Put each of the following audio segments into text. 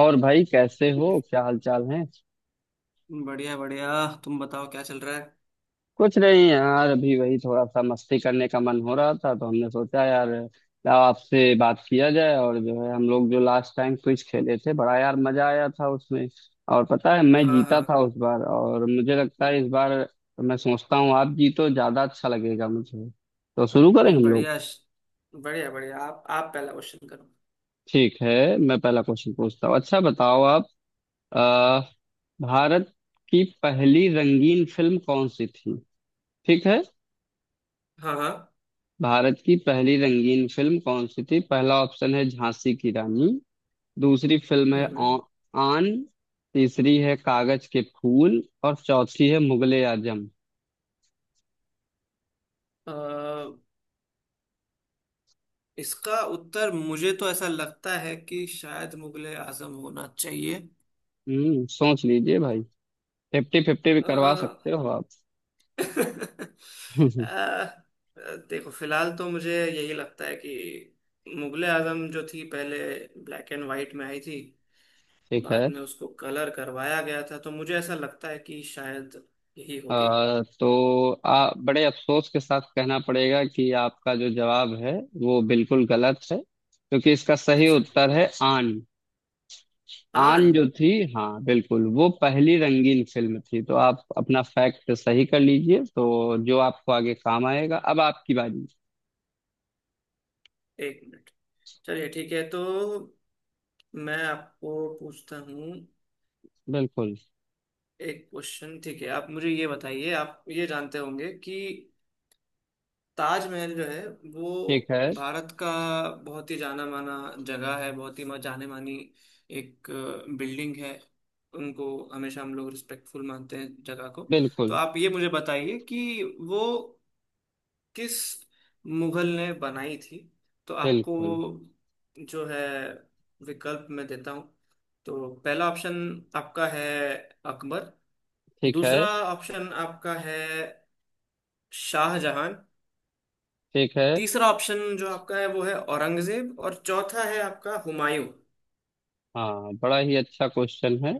और भाई, कैसे हो? क्या हाल चाल है? बढ़िया बढ़िया। तुम बताओ क्या चल रहा है? कुछ नहीं यार, अभी वही थोड़ा सा मस्ती करने का मन हो रहा था तो हमने सोचा यार, लाओ आपसे बात किया जाए। और जो है हम लोग जो लास्ट टाइम क्विज खेले थे, बड़ा यार मजा आया था उसमें। और पता है, मैं हाँ जीता हाँ। था उस बार, और मुझे लगता हम्म। है इस बार मैं सोचता हूँ आप जीतो ज्यादा अच्छा लगेगा मुझे। तो शुरू करें हम लोग। बढ़िया। बढ़िया बढ़िया, आप पहला क्वेश्चन करो। ठीक है। मैं पहला क्वेश्चन पूछता हूँ। अच्छा बताओ आप, अ, भारत की पहली रंगीन फिल्म कौन सी थी? ठीक है। हाँ हाँ। भारत की पहली रंगीन फिल्म कौन सी थी? पहला ऑप्शन है झांसी की रानी, दूसरी फिल्म है हम्म। आन, तीसरी है कागज के फूल, और चौथी है मुगले आजम। अ, इसका उत्तर मुझे तो ऐसा लगता है कि शायद मुगले आजम होना चाहिए। हम्म, सोच लीजिए भाई। फिफ्टी फिफ्टी भी करवा अ, सकते हो आप। अ, देखो, फिलहाल तो मुझे यही लगता है कि मुगले आजम जो थी पहले ब्लैक एंड वाइट में आई थी। ठीक बाद है। में उसको कलर करवाया गया था, तो मुझे ऐसा लगता है कि शायद यही होगी। तो बड़े अफसोस के साथ कहना पड़ेगा कि आपका जो जवाब है वो बिल्कुल गलत है, क्योंकि इसका सही अच्छा। उत्तर है आन। आन। आन जो थी, हाँ बिल्कुल, वो पहली रंगीन फिल्म थी। तो आप अपना फैक्ट सही कर लीजिए तो जो आपको आगे काम आएगा। अब आपकी बारी। एक मिनट। चलिए, ठीक है। तो मैं आपको पूछता हूँ बिल्कुल। एक क्वेश्चन। ठीक है, आप मुझे ये बताइए। आप ये जानते होंगे कि ताजमहल जो है वो ठीक है। भारत का बहुत ही जाना माना जगह है, बहुत ही जाने मानी एक बिल्डिंग है। उनको हमेशा हम लोग रिस्पेक्टफुल मानते हैं जगह को। तो बिल्कुल आप ये मुझे बताइए कि वो किस मुगल ने बनाई थी। तो आपको बिल्कुल। जो है विकल्प मैं देता हूँ। तो पहला ऑप्शन आपका है अकबर। ठीक है। दूसरा ऑप्शन आपका है शाहजहां। ठीक है। तीसरा ऑप्शन जो आपका है वो है औरंगजेब, और चौथा है आपका हुमायूं। हाँ, बड़ा ही अच्छा क्वेश्चन है,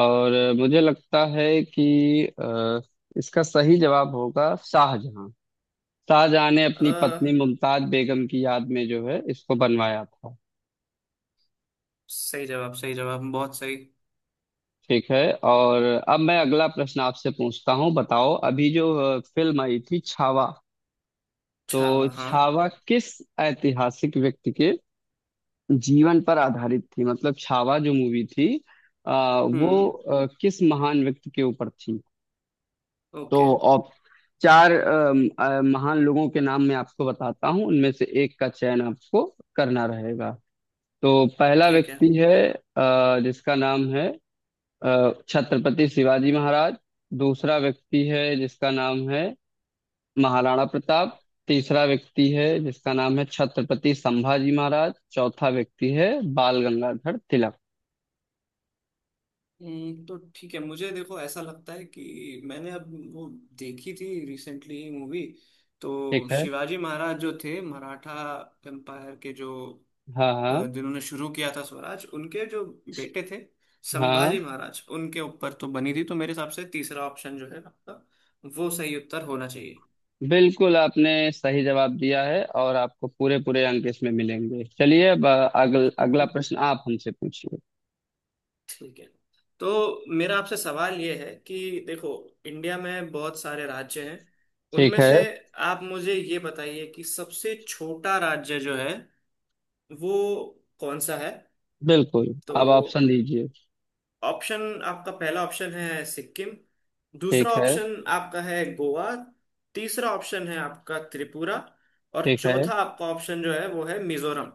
और मुझे लगता है कि अ, इसका सही जवाब होगा शाहजहां। शाहजहां ने अपनी अ, पत्नी मुमताज बेगम की याद में जो है इसको बनवाया था। सही जवाब, सही जवाब, बहुत सही। ठीक है। और अब मैं अगला प्रश्न आपसे पूछता हूँ। बताओ, अभी जो फिल्म आई थी छावा, अच्छा। तो हाँ। छावा किस ऐतिहासिक व्यक्ति के जीवन पर आधारित थी? मतलब छावा जो मूवी थी, वो हम्म। किस महान व्यक्ति के ऊपर थी? तो ओके। ऑप चार महान लोगों के नाम मैं आपको बताता हूँ, उनमें से एक का चयन आपको करना रहेगा। तो पहला ठीक है। व्यक्ति है जिसका नाम है छत्रपति शिवाजी महाराज। दूसरा व्यक्ति है जिसका नाम है महाराणा प्रताप। तीसरा व्यक्ति है जिसका नाम है छत्रपति संभाजी महाराज। चौथा व्यक्ति है बाल गंगाधर तिलक। तो ठीक है, मुझे देखो ऐसा लगता है कि मैंने अब वो देखी थी रिसेंटली मूवी। तो ठीक है। शिवाजी महाराज जो थे मराठा एम्पायर के जो, हाँ हाँ जिन्होंने शुरू किया था स्वराज, उनके जो बेटे थे, हाँ। संभाजी महाराज, उनके ऊपर तो बनी थी। तो मेरे हिसाब से तीसरा ऑप्शन जो है आपका, वो सही उत्तर होना चाहिए। बिल्कुल आपने सही जवाब दिया है, और आपको पूरे पूरे अंक इसमें मिलेंगे। चलिए, अब अगला प्रश्न आप हमसे पूछिए। ठीक है। तो मेरा आपसे सवाल ये है कि देखो, इंडिया में बहुत सारे राज्य हैं, ठीक उनमें है। से आप मुझे ये बताइए कि सबसे छोटा राज्य जो है वो कौन सा है। बिल्कुल। तो अब ऑप्शन दीजिए। ऑप्शन आपका, पहला ऑप्शन है सिक्किम। दूसरा ठीक है। ऑप्शन आपका है गोवा। तीसरा ऑप्शन है आपका त्रिपुरा, और ठीक है। चौथा आपका ऑप्शन जो है वो है मिजोरम।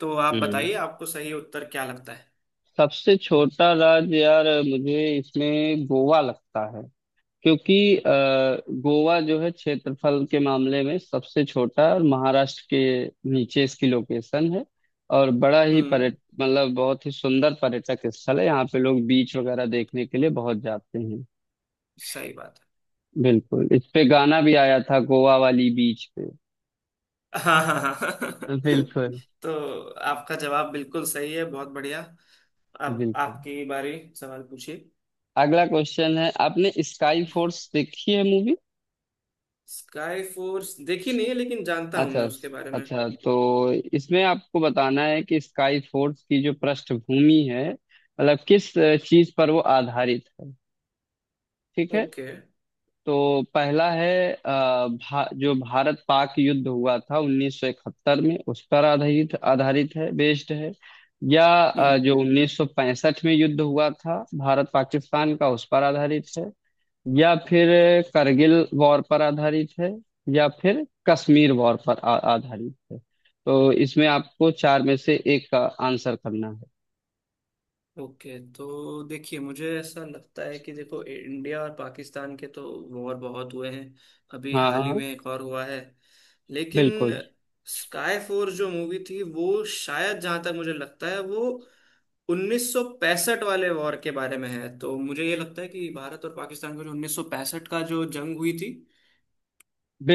तो आप हम्म। बताइए, आपको सही उत्तर क्या लगता है? सबसे छोटा राज्य यार मुझे इसमें गोवा लगता है, क्योंकि गोवा जो है क्षेत्रफल के मामले में सबसे छोटा है और महाराष्ट्र के नीचे इसकी लोकेशन है। और बड़ा ही हम्म। पर्यट मतलब बहुत ही सुंदर पर्यटक स्थल है, यहाँ पे लोग बीच वगैरह देखने के लिए बहुत जाते हैं। सही बात है। बिल्कुल, इस पे गाना भी आया था, गोवा वाली बीच पे। हाँ हाँ हाँ। बिल्कुल तो आपका जवाब बिल्कुल सही है, बहुत बढ़िया। अब बिल्कुल। आपकी बारी, सवाल पूछिए। अगला क्वेश्चन है, आपने स्काई फोर्स देखी है मूवी? स्काई फोर्स देखी नहीं है, लेकिन जानता हूं अच्छा। मैं उसके बारे में। अच्छा, तो इसमें आपको बताना है कि स्काई फोर्स की जो पृष्ठभूमि है, मतलब किस चीज पर वो आधारित है। ठीक है। ओके। तो पहला है जो भारत पाक युद्ध हुआ था 1971 में उस पर आधारित आधारित है, बेस्ड है। या हम्म। जो 1965 में युद्ध हुआ था भारत पाकिस्तान का, उस पर आधारित है। या फिर करगिल वॉर पर आधारित है। या फिर कश्मीर वॉर पर आधारित है। तो इसमें आपको चार में से एक का आंसर करना है। ओके, तो देखिए, मुझे ऐसा लगता है कि देखो, इंडिया और पाकिस्तान के तो वॉर बहुत हुए हैं। अभी हाँ हाल ही हाँ। में एक और हुआ है, लेकिन बिल्कुल। स्काई फोर्स जो मूवी थी वो शायद, जहां तक मुझे लगता है, वो 1965 वाले वॉर के बारे में है। तो मुझे ये लगता है कि भारत और पाकिस्तान का जो 1965 का जो जंग हुई थी,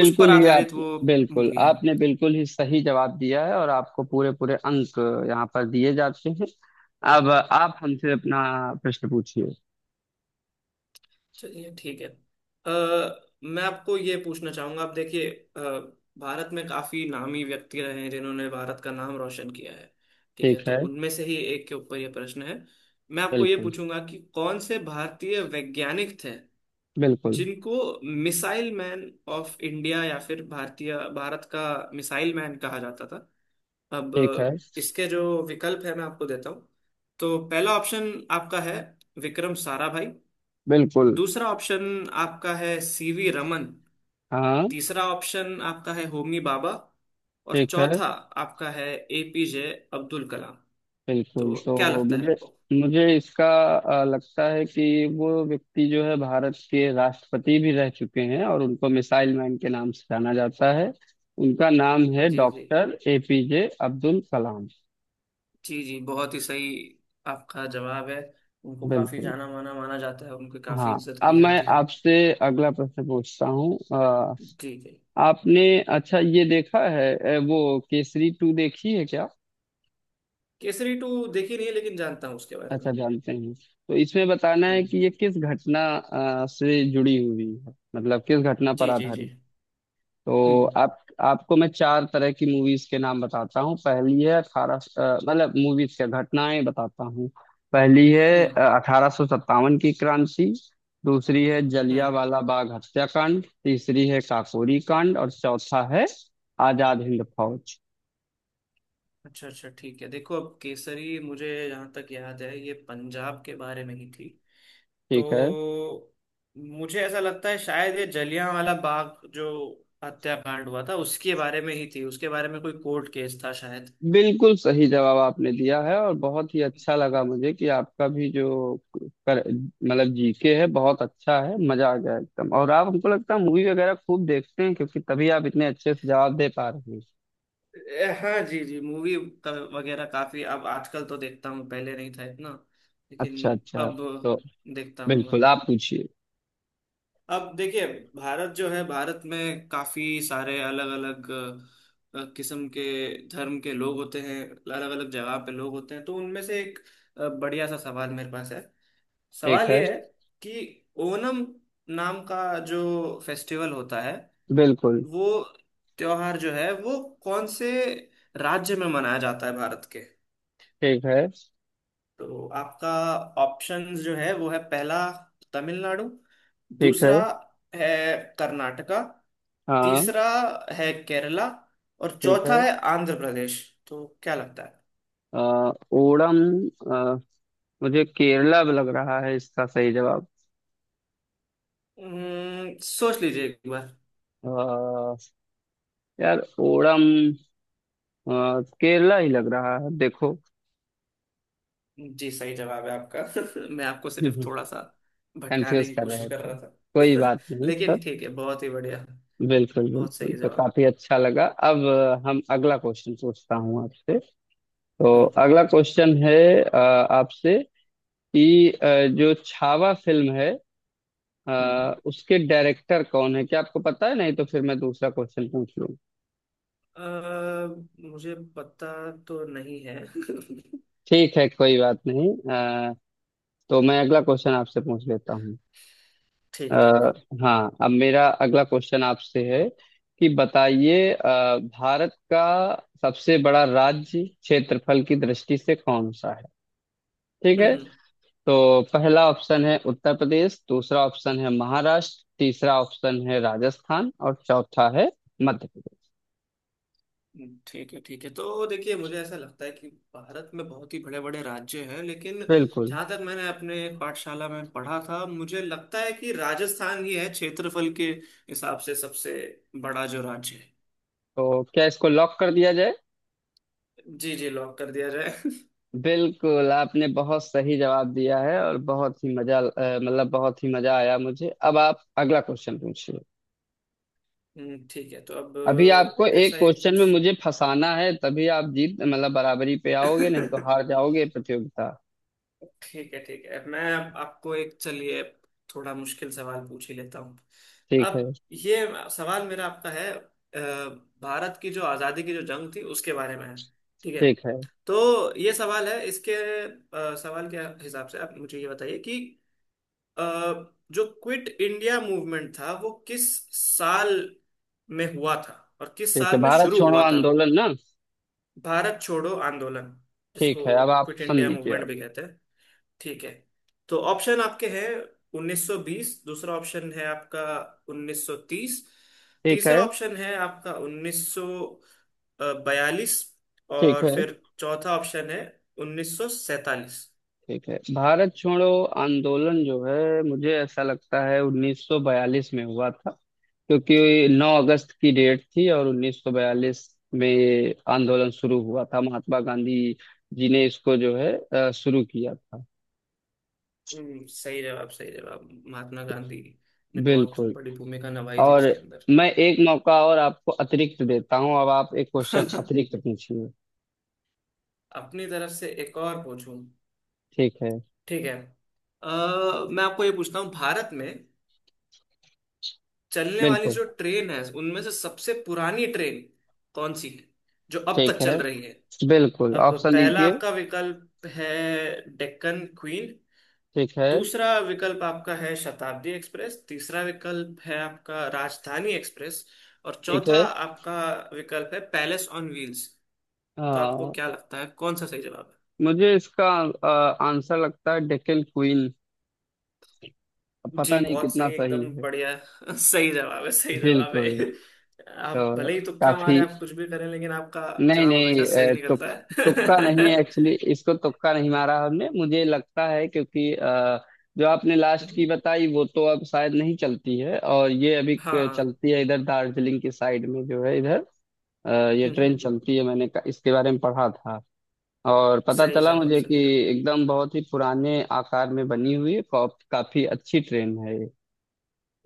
उस पर ही आप आधारित वो बिल्कुल मूवी है। आपने बिल्कुल ही सही जवाब दिया है, और आपको पूरे पूरे अंक यहाँ पर दिए जाते हैं। अब आप हमसे अपना प्रश्न पूछिए। चलिए, ठीक है। मैं आपको ये पूछना चाहूंगा। आप देखिए, अ, भारत में काफी नामी व्यक्ति रहे हैं जिन्होंने भारत का नाम रोशन किया है। ठीक ठीक है, तो है। उनमें से ही एक के ऊपर ये प्रश्न है। मैं आपको ये बिल्कुल। पूछूंगा कि कौन से भारतीय वैज्ञानिक थे बिल्कुल। जिनको मिसाइल मैन ऑफ इंडिया, या फिर भारतीय भारत का मिसाइल मैन कहा जाता था। अब ठीक है। इसके जो विकल्प है मैं आपको देता हूँ। तो पहला ऑप्शन आपका है विक्रम साराभाई। बिल्कुल। दूसरा ऑप्शन आपका है सीवी रमन। हाँ। तीसरा ऑप्शन आपका है होमी बाबा, और ठीक है। चौथा आपका है एपीजे अब्दुल कलाम। बिल्कुल, तो क्या तो लगता है मुझे आपको? मुझे इसका लगता है कि वो व्यक्ति जो है भारत के राष्ट्रपति भी रह चुके हैं और उनको मिसाइल मैन के नाम से जाना जाता है। उनका नाम है जी जी। Doctor APJ Abdul Kalam. जी जी, बहुत ही सही आपका जवाब है। उनको काफी बिल्कुल। जाना माना माना जाता है, उनकी काफी हाँ। इज्जत अब की मैं जाती है। आपसे अगला प्रश्न पूछता हूँ। जी जी। आपने अच्छा ये देखा है वो केसरी टू देखी है क्या? केसरी टू देखी नहीं है लेकिन जानता हूँ उसके बारे अच्छा, में। जानते हैं। तो इसमें बताना है कि हम्म। ये किस घटना से जुड़ी हुई है, मतलब किस घटना पर जी जी जी। आधारित। तो हम्म आप आपको मैं चार तरह की मूवीज के नाम बताता हूँ। पहली है अठारह, मतलब मूवीज क्या, घटनाएं बताता हूँ। पहली है हम्म 1857 की क्रांति। दूसरी है हम्म। जलियांवाला बाग हत्याकांड। तीसरी है काकोरी कांड और चौथा है आजाद हिंद फौज। अच्छा अच्छा, ठीक है। देखो अब केसरी मुझे जहाँ तक याद है ये पंजाब के बारे में ही थी। तो ठीक है। मुझे ऐसा लगता है शायद ये जलियांवाला बाग जो हत्याकांड हुआ था उसके बारे में ही थी। उसके बारे में कोई कोर्ट केस था शायद। बिल्कुल सही जवाब आपने दिया है, और बहुत ही अच्छा लगा मुझे कि आपका भी जो मतलब जीके है बहुत अच्छा है। मजा आ गया एकदम। और आप हमको लगता है मूवी वगैरह खूब देखते हैं, क्योंकि तभी आप इतने अच्छे से जवाब दे पा रहे हैं। ए, हाँ। जी जी, मूवी का वगैरह काफी अब आजकल तो देखता हूँ, पहले नहीं था इतना, लेकिन अच्छा अच्छा, अब तो देखता हूँ मैं। बिल्कुल आप पूछिए। अब देखिए, भारत जो है, भारत में काफी सारे अलग अलग किस्म के धर्म के लोग होते हैं, अलग अलग जगह पे लोग होते हैं। तो उनमें से एक बढ़िया सा सवाल मेरे पास है। ठीक सवाल है। ये है कि ओनम नाम का जो फेस्टिवल होता है, बिल्कुल। वो त्योहार जो है वो कौन से राज्य में मनाया जाता है भारत के। ठीक है। तो आपका ऑप्शंस जो है वो है, पहला तमिलनाडु। ठीक है। दूसरा है कर्नाटका। हाँ। तीसरा है केरला, और ठीक है। चौथा है आंध्र प्रदेश। तो क्या लगता है? अ, ओणम। अ, मुझे केरला लग रहा है इसका सही जवाब। सोच लीजिए एक बार। अ, यार, ओणम, केरला ही लग रहा है देखो। जी, सही जवाब है आपका। मैं आपको सिर्फ थोड़ा सा भटकाने कंफ्यूज की कर कोशिश रहे कर थे। रहा कोई था। बात नहीं सर। लेकिन ठीक है, बहुत ही बढ़िया। बिल्कुल बहुत बिल्कुल, सही तो जवाब। काफी अच्छा लगा। अब हम अगला क्वेश्चन पूछता हूँ आपसे। तो हम्म। अगला क्वेश्चन है आपसे, कि जो छावा फिल्म है हम्म। उसके डायरेक्टर कौन है, क्या आपको पता है? नहीं तो फिर मैं दूसरा क्वेश्चन पूछ लूँ। मुझे पता तो नहीं है। ठीक है, कोई बात नहीं। अ, तो मैं अगला क्वेश्चन आपसे पूछ लेता हूँ। अ, ठीक ठीक। हाँ, अब मेरा अगला क्वेश्चन आपसे है कि बताइए भारत का सबसे बड़ा राज्य क्षेत्रफल की दृष्टि से कौन सा है? ठीक है। तो पहला ऑप्शन है उत्तर प्रदेश, दूसरा ऑप्शन है महाराष्ट्र, तीसरा ऑप्शन है राजस्थान, और चौथा है मध्य प्रदेश। ठीक है ठीक है। तो देखिए, मुझे ऐसा लगता है कि भारत में बहुत ही बड़े बड़े राज्य हैं, लेकिन बिल्कुल। जहाँ तक मैंने अपने पाठशाला में पढ़ा था, मुझे लगता है कि राजस्थान ही है क्षेत्रफल के हिसाब से सबसे बड़ा जो राज्य है। तो क्या इसको लॉक कर दिया जाए? जी जी, लॉक कर दिया जाए। बिल्कुल आपने बहुत सही जवाब दिया है, और बहुत ही मजा मतलब बहुत ही मजा आया मुझे। अब आप अगला क्वेश्चन पूछिए। ठीक है, तो अब अभी आपको एक ऐसा ही क्वेश्चन में कुछ। मुझे फंसाना है, तभी आप जीत मतलब बराबरी पे आओगे, नहीं तो हार जाओगे प्रतियोगिता। ठीक है, ठीक है। मैं अब आपको एक, चलिए थोड़ा मुश्किल सवाल पूछ ही लेता हूँ। ठीक है। अब ये सवाल मेरा आपका है। भारत की जो आज़ादी की जो जंग थी उसके बारे में है। ठीक है, ठीक है। तो ये सवाल है। इसके सवाल के हिसाब से आप मुझे ये बताइए कि अ, जो क्विट इंडिया मूवमेंट था वो किस साल में हुआ था और किस ठीक है, साल में भारत शुरू छोड़ो हुआ था। आंदोलन ना। भारत छोड़ो आंदोलन, जिसको ठीक है, अब आप क्विट सुन इंडिया लीजिए मूवमेंट आप। भी कहते हैं, ठीक है। तो ऑप्शन आपके हैं 1920, दूसरा ऑप्शन है आपका 1930, ठीक है। तीसरा ऑप्शन है आपका 1942, ठीक और है। फिर चौथा ऑप्शन है 1947। ठीक है। भारत छोड़ो आंदोलन जो है, मुझे ऐसा लगता है 1942 में हुआ था, क्योंकि 9 अगस्त की डेट थी और 1942 में ये आंदोलन शुरू हुआ था। महात्मा गांधी जी ने इसको जो है शुरू किया था। सही जवाब, सही जवाब। महात्मा गांधी ने बहुत बिल्कुल। बड़ी भूमिका निभाई थी और उसके अंदर। मैं एक मौका और आपको अतिरिक्त देता हूँ। अब आप एक क्वेश्चन अतिरिक्त पूछिए। अपनी तरफ से एक और पूछूं? ठीक है। ठीक है। अ, मैं आपको ये पूछता हूँ, भारत में चलने वाली बिल्कुल। जो ट्रेन है उनमें से सबसे पुरानी ट्रेन कौन सी है जो अब तक ठीक है। चल रही है। बिल्कुल, अब ऑप्शन पहला दीजिए। आपका विकल्प है डेक्कन क्वीन। ठीक है। दूसरा विकल्प आपका है शताब्दी एक्सप्रेस। तीसरा विकल्प है आपका राजधानी एक्सप्रेस, और ठीक चौथा है। आपका विकल्प है पैलेस ऑन व्हील्स। तो आपको आ, क्या लगता है, कौन सा सही जवाब है? मुझे इसका आ, आंसर लगता है डेक्कन क्वीन। पता जी, नहीं बहुत कितना सही, सही एकदम है। बढ़िया। सही जवाब है, सही जवाब बिल्कुल। है। आप तो भले ही तुक्का मारे, काफी, आप कुछ भी करें, लेकिन आपका नहीं जवाब हमेशा नहीं, सही निकलता तुक्का है। नहीं है। एक्चुअली इसको तुक्का नहीं मारा हमने, मुझे लगता है। क्योंकि जो आपने लास्ट की बताई वो तो अब शायद नहीं चलती है, और ये अभी हाँ। चलती है इधर, दार्जिलिंग की साइड में जो है इधर अ, ये हम्म, ट्रेन हम्म। चलती है। मैंने इसके बारे में पढ़ा था, और पता सही चला जवाब, मुझे कि सही जवाब। एकदम बहुत ही पुराने आकार में बनी हुई है। काफी अच्छी ट्रेन है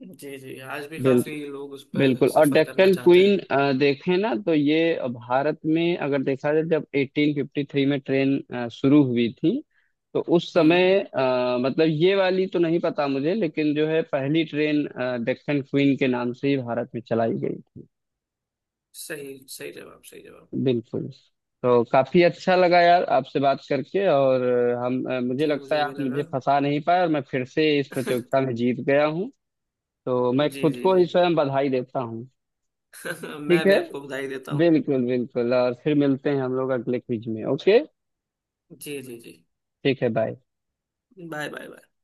जी जी, आज भी ये। काफी लोग उस पर बिल्कुल। और सफर करना डेक्कन चाहते क्वीन, हैं। देखें ना तो ये, भारत में अगर देखा जाए, जब 1853 में ट्रेन शुरू हुई थी, तो उस हम्म, समय मतलब ये वाली तो नहीं पता मुझे, लेकिन जो है पहली ट्रेन डेक्कन क्वीन के नाम से ही भारत में चलाई गई थी। सही, सही जवाब, सही जवाब। बिल्कुल। तो काफी अच्छा लगा यार आपसे बात करके। और हम मुझे जी, लगता है मुझे आप भी मुझे लगा। फंसा नहीं पाए, और मैं फिर से इस प्रतियोगिता में जीत गया हूँ। तो मैं जी खुद जी को जी। ही स्वयं बधाई देता हूँ। मैं ठीक भी है। आपको बधाई देता हूँ। बिल्कुल बिल्कुल। और फिर मिलते हैं हम लोग अगले क्विज में। ओके। जी जी जी। ठीक है। बाय। Bye, bye, bye.